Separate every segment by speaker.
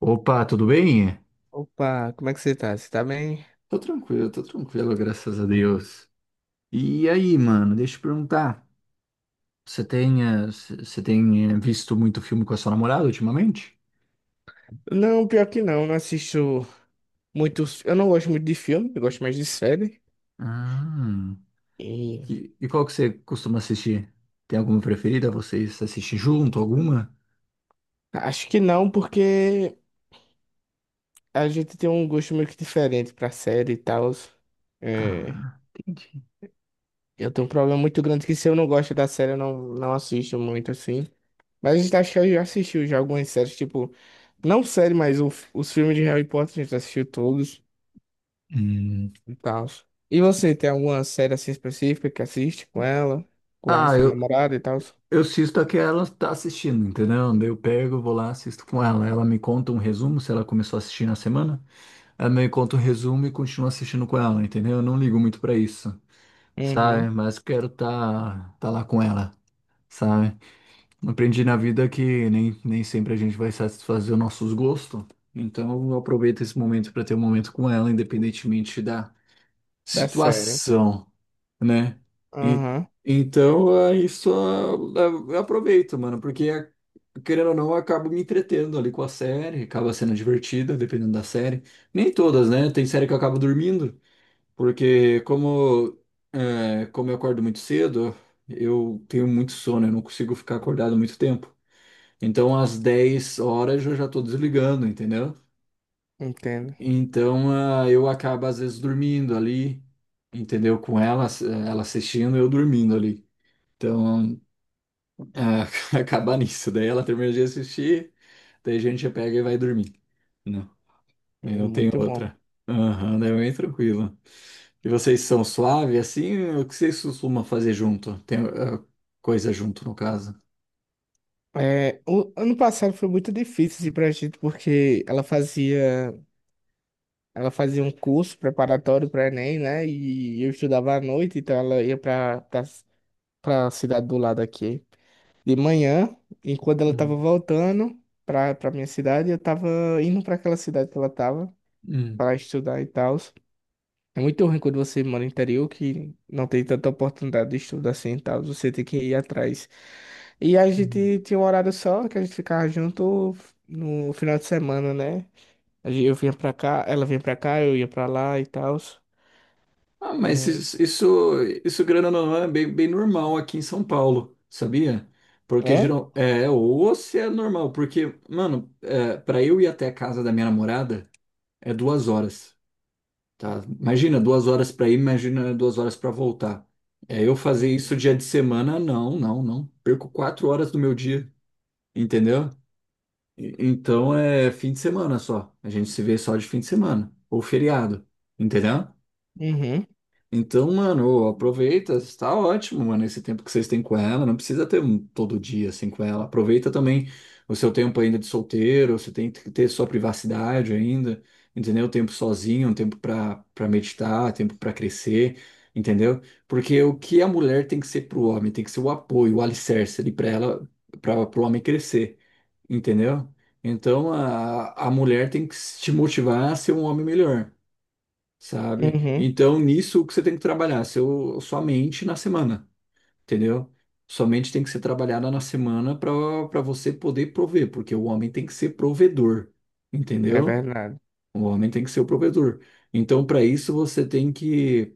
Speaker 1: Opa, tudo bem?
Speaker 2: Opa, como é que você tá? Você tá bem?
Speaker 1: Tô tranquilo, graças a Deus. E aí, mano, deixa eu te perguntar. Você tem, visto muito filme com a sua namorada ultimamente?
Speaker 2: Não, pior que não assisto muitos. Eu não gosto muito de filme, eu gosto mais de série.
Speaker 1: Ah,
Speaker 2: E
Speaker 1: e qual que você costuma assistir? Tem alguma preferida? Vocês assistem junto, alguma?
Speaker 2: acho que não, porque a gente tem um gosto meio que diferente pra série e tal. É,
Speaker 1: Ah, entendi.
Speaker 2: eu tenho um problema muito grande que se eu não gosto da série, eu não assisto muito assim. Mas a gente acho que eu já assistiu já algumas séries, tipo, não série, mas os filmes de Harry Potter a gente assistiu todos.
Speaker 1: Hum.
Speaker 2: E tal. E você tem alguma série assim específica que assiste com ela, com a
Speaker 1: Ah,
Speaker 2: sua
Speaker 1: eu,
Speaker 2: namorada e tal?
Speaker 1: eu assisto a que ela tá assistindo, entendeu? Daí eu pego, vou lá, assisto com ela. Ela me conta um resumo se ela começou a assistir na semana. Ela me conta um resumo e continua assistindo com ela, entendeu? Eu não ligo muito pra isso, sabe?
Speaker 2: Uhum,
Speaker 1: Mas quero tá, tá lá com ela, sabe? Aprendi na vida que nem sempre a gente vai satisfazer os nossos gostos. Então eu aproveito esse momento pra ter um momento com ela, independentemente da
Speaker 2: da série.
Speaker 1: situação, né? E
Speaker 2: Aham,
Speaker 1: então, é isso, eu aproveito, mano, porque querendo ou não, eu acabo me entretendo ali com a série, acaba sendo divertida, dependendo da série. Nem todas, né? Tem série que eu acabo dormindo, porque como eu acordo muito cedo, eu tenho muito sono, eu não consigo ficar acordado muito tempo. Então, às 10h eu já tô desligando, entendeu?
Speaker 2: entendo.
Speaker 1: Então, ah, eu acabo às vezes dormindo ali, entendeu? Com ela, ela assistindo, eu dormindo ali. Então, ah, acabar nisso. Daí ela termina de assistir, daí a gente já pega e vai dormir. Não, daí não tem
Speaker 2: Muito bom.
Speaker 1: outra. Aham, daí é bem tranquilo. E vocês são suave assim? O que vocês costumam fazer junto? Tem coisa junto, no caso.
Speaker 2: É, o ano passado foi muito difícil assim, pra gente, porque ela fazia um curso preparatório para Enem, né? E eu estudava à noite, então ela ia pra cidade do lado aqui de manhã, e quando ela tava
Speaker 1: Uhum.
Speaker 2: voltando pra minha cidade, eu tava indo pra aquela cidade que ela tava.
Speaker 1: Hum.
Speaker 2: Para estudar e tal. É muito ruim quando você mora no interior que não tem tanta oportunidade de estudo assim e tal. Você tem que ir atrás. E a
Speaker 1: Uhum.
Speaker 2: gente tinha um horário só que a gente ficava junto no final de semana, né? Eu vinha pra cá, ela vinha pra cá, eu ia pra lá e tal.
Speaker 1: Ah, mas
Speaker 2: É.
Speaker 1: isso, grana não é bem normal aqui em São Paulo, sabia? Porque
Speaker 2: É?
Speaker 1: geral, ou se é normal, porque, mano, para eu ir até a casa da minha namorada é 2 horas. Tá? Imagina 2 horas para ir, imagina 2 horas para voltar. É, eu fazer isso
Speaker 2: Uhum.
Speaker 1: dia de semana, não, não, não. Perco 4 horas do meu dia, entendeu? Então é fim de semana só. A gente se vê só de fim de semana ou feriado, entendeu?
Speaker 2: Uhum.
Speaker 1: Então, mano, aproveita, está ótimo, mano, esse tempo que vocês têm com ela, não precisa ter todo dia assim com ela. Aproveita também o seu tempo ainda de solteiro, você tem que ter sua privacidade ainda, entendeu? Um tempo sozinho, um tempo para meditar, um tempo para crescer, entendeu? Porque o que a mulher tem que ser pro homem, tem que ser o apoio, o alicerce ali para ela, para pro homem crescer, entendeu? Então, a mulher tem que te motivar a ser um homem melhor. Sabe?
Speaker 2: Uhum.
Speaker 1: Então, nisso, o que você tem que trabalhar? Sua mente na semana, entendeu? Sua mente tem que ser trabalhada na semana para você poder prover, porque o homem tem que ser provedor,
Speaker 2: É
Speaker 1: entendeu?
Speaker 2: verdade.
Speaker 1: O homem tem que ser o provedor. Então, para isso, você tem que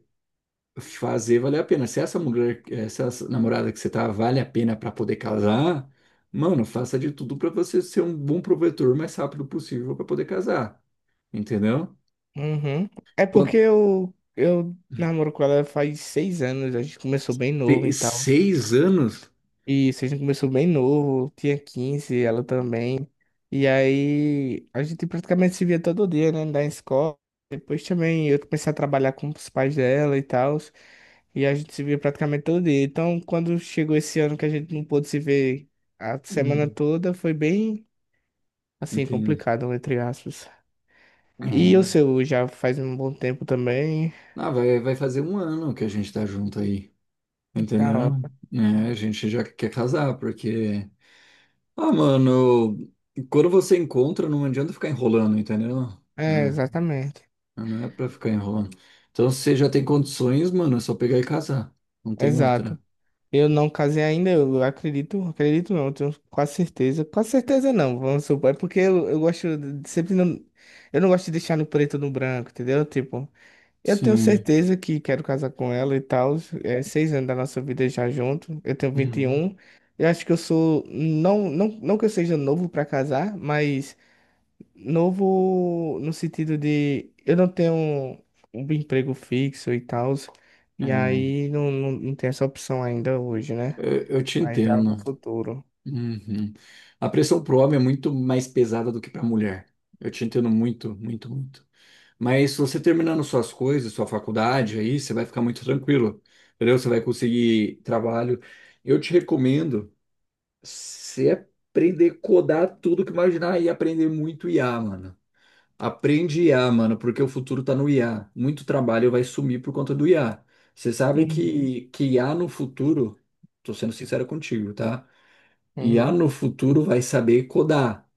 Speaker 1: fazer valer a pena. Se essa mulher, essa namorada que você tá, vale a pena para poder casar, mano, faça de tudo para você ser um bom provedor o mais rápido possível para poder casar, entendeu?
Speaker 2: Uhum. É porque
Speaker 1: Quando
Speaker 2: eu namoro com ela faz 6 anos, a gente começou bem
Speaker 1: ter
Speaker 2: novo e tal.
Speaker 1: 6 anos.
Speaker 2: Isso, a gente começou bem novo, tinha 15 ela também. E aí a gente praticamente se via todo dia, né, da escola. Depois também eu comecei a trabalhar com os pais dela e tal. E a gente se via praticamente todo dia. Então, quando chegou esse ano que a gente não pôde se ver a semana toda, foi bem, assim,
Speaker 1: Entendi.
Speaker 2: complicado, entre aspas.
Speaker 1: É.
Speaker 2: E o seu já faz um bom tempo também.
Speaker 1: Ah, vai fazer um ano que a gente tá junto aí,
Speaker 2: Tá,
Speaker 1: entendeu?
Speaker 2: ó.
Speaker 1: É, a gente já quer casar, porque. Ah, mano, quando você encontra, não adianta ficar enrolando, entendeu?
Speaker 2: É,
Speaker 1: Né?
Speaker 2: exatamente.
Speaker 1: Não é pra ficar enrolando. Então, se você já tem condições, mano, é só pegar e casar. Não tem
Speaker 2: Exato.
Speaker 1: outra.
Speaker 2: Eu não casei ainda, eu acredito, acredito não, tenho quase certeza. Quase certeza não, vamos supor. É porque eu gosto de sempre não. Eu não gosto de deixar no preto ou no branco, entendeu? Tipo, eu tenho
Speaker 1: Sim.
Speaker 2: certeza que quero casar com ela e tal. É 6 anos da nossa vida já junto. Eu tenho vinte e
Speaker 1: Uhum.
Speaker 2: um. Eu acho que eu sou. Não, não, não que eu seja novo pra casar, mas novo no sentido de eu não tenho um emprego fixo e tal. E
Speaker 1: É,
Speaker 2: aí não tem essa opção ainda hoje, né?
Speaker 1: eu te
Speaker 2: Mas já é pro
Speaker 1: entendo.
Speaker 2: futuro.
Speaker 1: Uhum. A pressão pro homem é muito mais pesada do que pra mulher. Eu te entendo muito, muito, muito. Mas se você terminando suas coisas, sua faculdade aí, você vai ficar muito tranquilo, entendeu? Você vai conseguir trabalho. Eu te recomendo você aprender a codar tudo que imaginar e aprender muito IA, mano. Aprende IA, mano, porque o futuro tá no IA. Muito trabalho vai sumir por conta do IA. Você sabe
Speaker 2: Uhum.
Speaker 1: que IA no futuro, tô sendo sincero contigo, tá? IA
Speaker 2: Uhum.
Speaker 1: no futuro vai saber codar.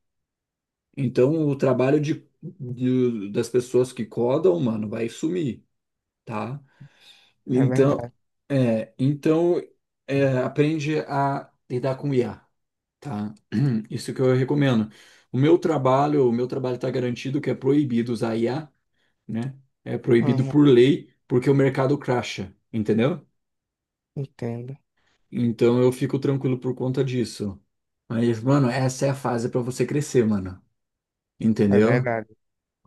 Speaker 1: Então o trabalho das pessoas que codam, mano, vai sumir, tá?
Speaker 2: É
Speaker 1: Então,
Speaker 2: verdade.
Speaker 1: é, então aprende a lidar com IA, tá? Isso que eu recomendo. O meu trabalho está garantido que é proibido usar IA, né? É proibido
Speaker 2: Uhum.
Speaker 1: por lei, porque o mercado crasha, entendeu?
Speaker 2: Entendo.
Speaker 1: Então eu fico tranquilo por conta disso. Mas, mano, essa é a fase para você crescer, mano.
Speaker 2: É
Speaker 1: Entendeu?
Speaker 2: verdade.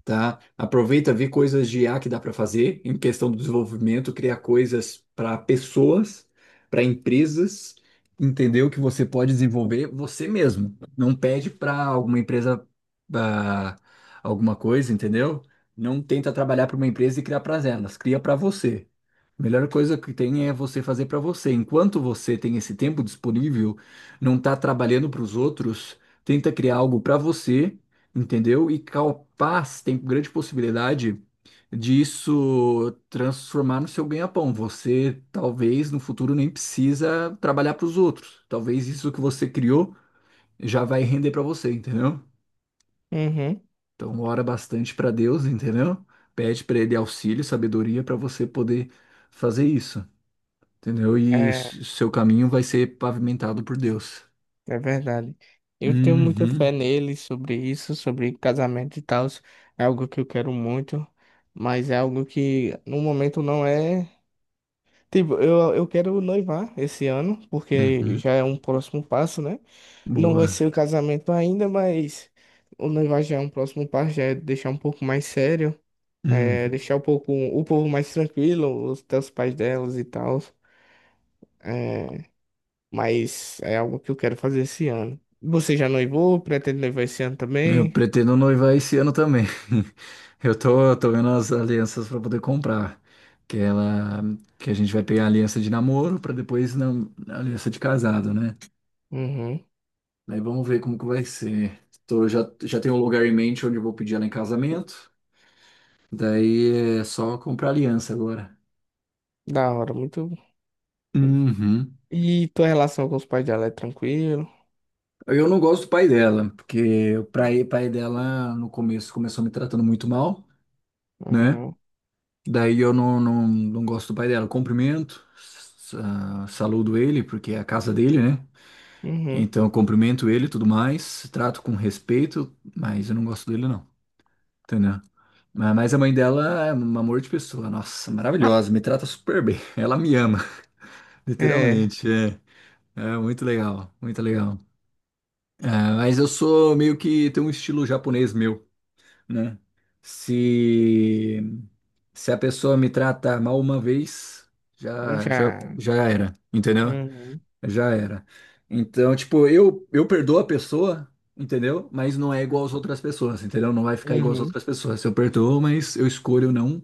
Speaker 1: Tá? Aproveita, vê coisas de I a que dá para fazer em questão do desenvolvimento, criar coisas para pessoas, para empresas, entendeu? Que você pode desenvolver você mesmo. Não pede para alguma empresa ah, alguma coisa, entendeu? Não tenta trabalhar para uma empresa e criar para elas, cria para você. A melhor coisa que tem é você fazer para você. Enquanto você tem esse tempo disponível, não está trabalhando para os outros, tenta criar algo para você, entendeu? E capaz tem grande possibilidade disso transformar no seu ganha-pão. Você talvez no futuro nem precisa trabalhar para os outros. Talvez isso que você criou já vai render para você, entendeu?
Speaker 2: Uhum.
Speaker 1: Então ora bastante para Deus, entendeu? Pede para ele auxílio, sabedoria para você poder fazer isso, entendeu? E
Speaker 2: É,
Speaker 1: seu caminho vai ser pavimentado por Deus.
Speaker 2: é, verdade. Eu tenho muita
Speaker 1: Uhum,
Speaker 2: fé nele sobre isso, sobre casamento e tal. É algo que eu quero muito, mas é algo que no momento não é. Tipo, eu quero noivar esse ano, porque
Speaker 1: uhum.
Speaker 2: já é um próximo passo, né? Não vai ser o
Speaker 1: Boa.
Speaker 2: casamento ainda, mas o noivar já é um próximo passo, já é deixar um pouco mais sério. É, deixar um pouco o povo mais tranquilo, até os pais delas e tal. É, mas é algo que eu quero fazer esse ano. Você já noivou? Pretende noivar esse ano
Speaker 1: Eu
Speaker 2: também?
Speaker 1: pretendo noivar esse ano também. Eu tô vendo as alianças para poder comprar. Que ela, que a gente vai pegar a aliança de namoro para depois a aliança de casado, né?
Speaker 2: Uhum.
Speaker 1: Aí vamos ver como que vai ser. Já tenho um lugar em mente onde eu vou pedir ela em casamento. Daí é só comprar aliança agora.
Speaker 2: Da hora, muito.
Speaker 1: Uhum.
Speaker 2: E tua relação com os pais dela é tranquilo?
Speaker 1: Eu não gosto do pai dela, porque pai dela no começo começou me tratando muito mal, né?
Speaker 2: Uhum.
Speaker 1: Daí eu não gosto do pai dela. Eu cumprimento, saludo ele, porque é a casa dele, né?
Speaker 2: Uhum.
Speaker 1: Então eu cumprimento ele e tudo mais, trato com respeito, mas eu não gosto dele, não. Entendeu? Mas a mãe dela é um amor de pessoa, nossa, maravilhosa, me trata super bem. Ela me ama,
Speaker 2: É,
Speaker 1: literalmente. É, muito legal, muito legal. É, mas eu sou meio que tenho um estilo japonês meu. Né? Se, se a pessoa me trata mal uma vez,
Speaker 2: eu
Speaker 1: já, já,
Speaker 2: já.
Speaker 1: já era, entendeu?
Speaker 2: Uhum.
Speaker 1: Já era. Então, tipo, eu perdoo a pessoa, entendeu? Mas não é igual às outras pessoas, entendeu? Não vai ficar igual às
Speaker 2: Uhum.
Speaker 1: outras pessoas. Eu perdoo, mas eu escolho não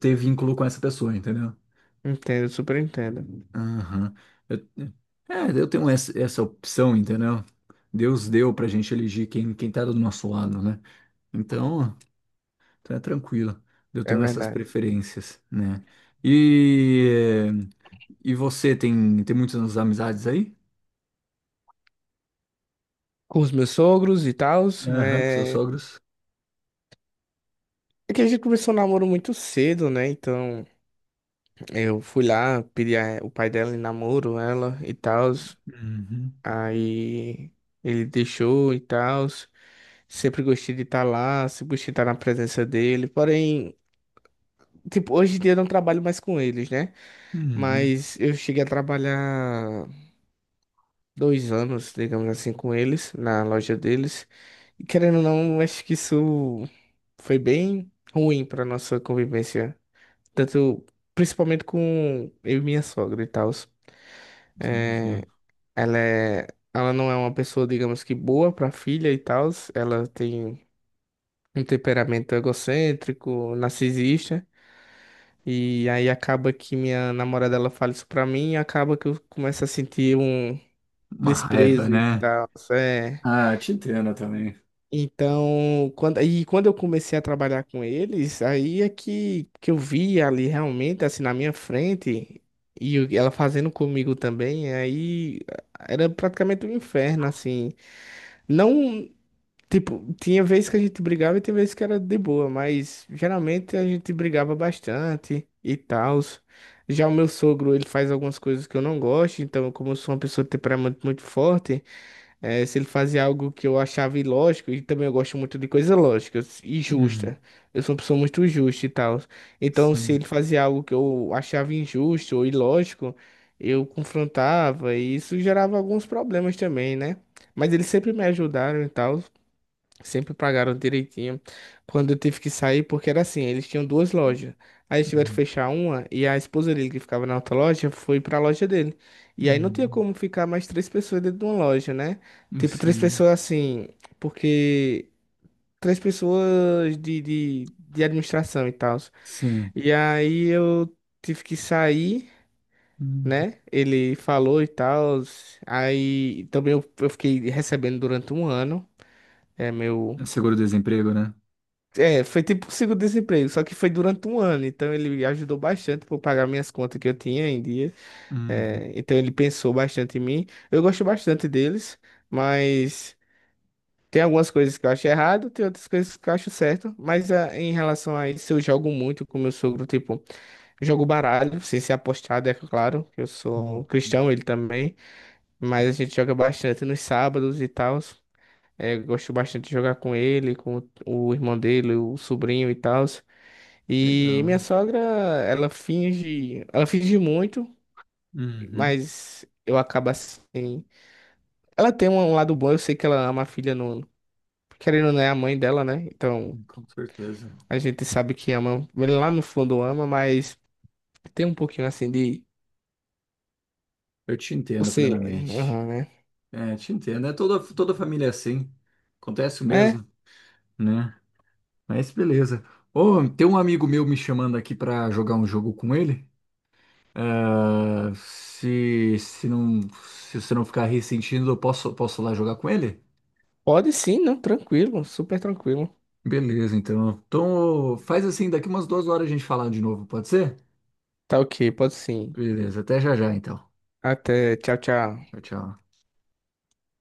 Speaker 1: ter vínculo com essa pessoa, entendeu?
Speaker 2: Entendo, super entendo.
Speaker 1: Aham. Eu- eu tenho essa, opção, entendeu? Deus deu pra gente elegir quem tá do nosso lado, né? Então. Então é tranquilo. Eu
Speaker 2: É
Speaker 1: tenho essas
Speaker 2: verdade.
Speaker 1: preferências, né? E, e você tem, muitas amizades aí?
Speaker 2: Com os meus sogros e tal,
Speaker 1: Aham, com seus
Speaker 2: é...
Speaker 1: sogros?
Speaker 2: É que a gente começou o namoro muito cedo, né? Então. Eu fui lá, pedi o pai dela em namoro, ela e tal.
Speaker 1: Uhum.
Speaker 2: Aí ele deixou e tal. Sempre gostei de estar lá, sempre gostei de estar na presença dele. Porém, tipo, hoje em dia eu não trabalho mais com eles, né?
Speaker 1: Uhum.
Speaker 2: Mas eu cheguei a trabalhar 2 anos, digamos assim, com eles, na loja deles. E querendo ou não, acho que isso foi bem ruim para nossa convivência. Tanto, principalmente com eu e minha sogra e tal.
Speaker 1: Entendi.
Speaker 2: É, ela é, ela não é uma pessoa, digamos que boa para filha e tal. Ela tem um temperamento egocêntrico, narcisista. E aí acaba que minha namorada ela fala isso pra mim e acaba que eu começo a sentir um
Speaker 1: Uma raiva,
Speaker 2: desprezo e
Speaker 1: né?
Speaker 2: tal. É.
Speaker 1: Ah, te entendo também.
Speaker 2: Então, quando eu comecei a trabalhar com eles, aí é que eu vi ali realmente, assim, na minha frente, e ela fazendo comigo também, aí era praticamente um inferno, assim. Não, tipo, tinha vezes que a gente brigava e tinha vezes que era de boa, mas geralmente a gente brigava bastante e tal. Já o meu sogro, ele faz algumas coisas que eu não gosto, então, como eu sou uma pessoa de temperamento muito forte. É, se ele fazia algo que eu achava ilógico, e também eu gosto muito de coisa lógica e
Speaker 1: Hum,
Speaker 2: justa. Eu sou uma pessoa muito justa e tal. Então, se
Speaker 1: sim.
Speaker 2: ele fazia algo que eu achava injusto ou ilógico, eu confrontava e isso gerava alguns problemas também, né? Mas eles sempre me ajudaram e tal. Sempre pagaram direitinho. Quando eu tive que sair, porque era assim, eles tinham duas lojas. Aí eles tiveram que
Speaker 1: Hum,
Speaker 2: fechar uma e a esposa dele, que ficava na outra loja, foi pra loja dele. E aí não tinha
Speaker 1: hum,
Speaker 2: como ficar mais três pessoas dentro de uma loja, né? Tipo, três
Speaker 1: sim.
Speaker 2: pessoas assim, porque três pessoas de administração e tal.
Speaker 1: Sim.
Speaker 2: E aí eu tive que sair,
Speaker 1: Uhum.
Speaker 2: né? Ele falou e tal. Aí também eu fiquei recebendo durante um ano. É meu.
Speaker 1: É seguro-desemprego, né?
Speaker 2: É, foi tipo seguro-desemprego, só que foi durante um ano, então ele ajudou bastante para pagar minhas contas que eu tinha em dia.
Speaker 1: Uhum.
Speaker 2: É, então ele pensou bastante em mim. Eu gosto bastante deles, mas tem algumas coisas que eu acho errado, tem outras coisas que eu acho certo. Mas ah, em relação a isso, eu jogo muito com meu sogro, tipo, jogo baralho, sem ser apostado, é claro, que eu
Speaker 1: Uhum.
Speaker 2: sou cristão, ele também, mas a gente joga bastante nos sábados e tal. Gosto bastante de jogar com ele, com o irmão dele, o sobrinho e tal. E minha
Speaker 1: Legal.
Speaker 2: sogra, ela finge muito,
Speaker 1: Uhum.
Speaker 2: mas eu acabo assim. Ela tem um lado bom, eu sei que ela ama a filha não, querendo ou não é a mãe dela, né? Então,
Speaker 1: Com certeza.
Speaker 2: a gente sabe que ama, lá no fundo ama, mas tem um pouquinho assim de
Speaker 1: Eu te entendo
Speaker 2: você,
Speaker 1: plenamente.
Speaker 2: aham, né?
Speaker 1: É, te entendo. É toda, toda família é assim. Acontece o
Speaker 2: É,
Speaker 1: mesmo, né? Mas beleza. Ô, tem um amigo meu me chamando aqui pra jogar um jogo com ele. Ah, se não, se você não ficar ressentindo, eu posso lá jogar com ele?
Speaker 2: pode sim, não, tranquilo, super tranquilo.
Speaker 1: Beleza, então. Então, faz assim, daqui umas 2 horas a gente falar de novo, pode ser?
Speaker 2: Tá, OK, pode sim.
Speaker 1: Beleza, até já já, então.
Speaker 2: Até, tchau, tchau.
Speaker 1: Tchau, tchau.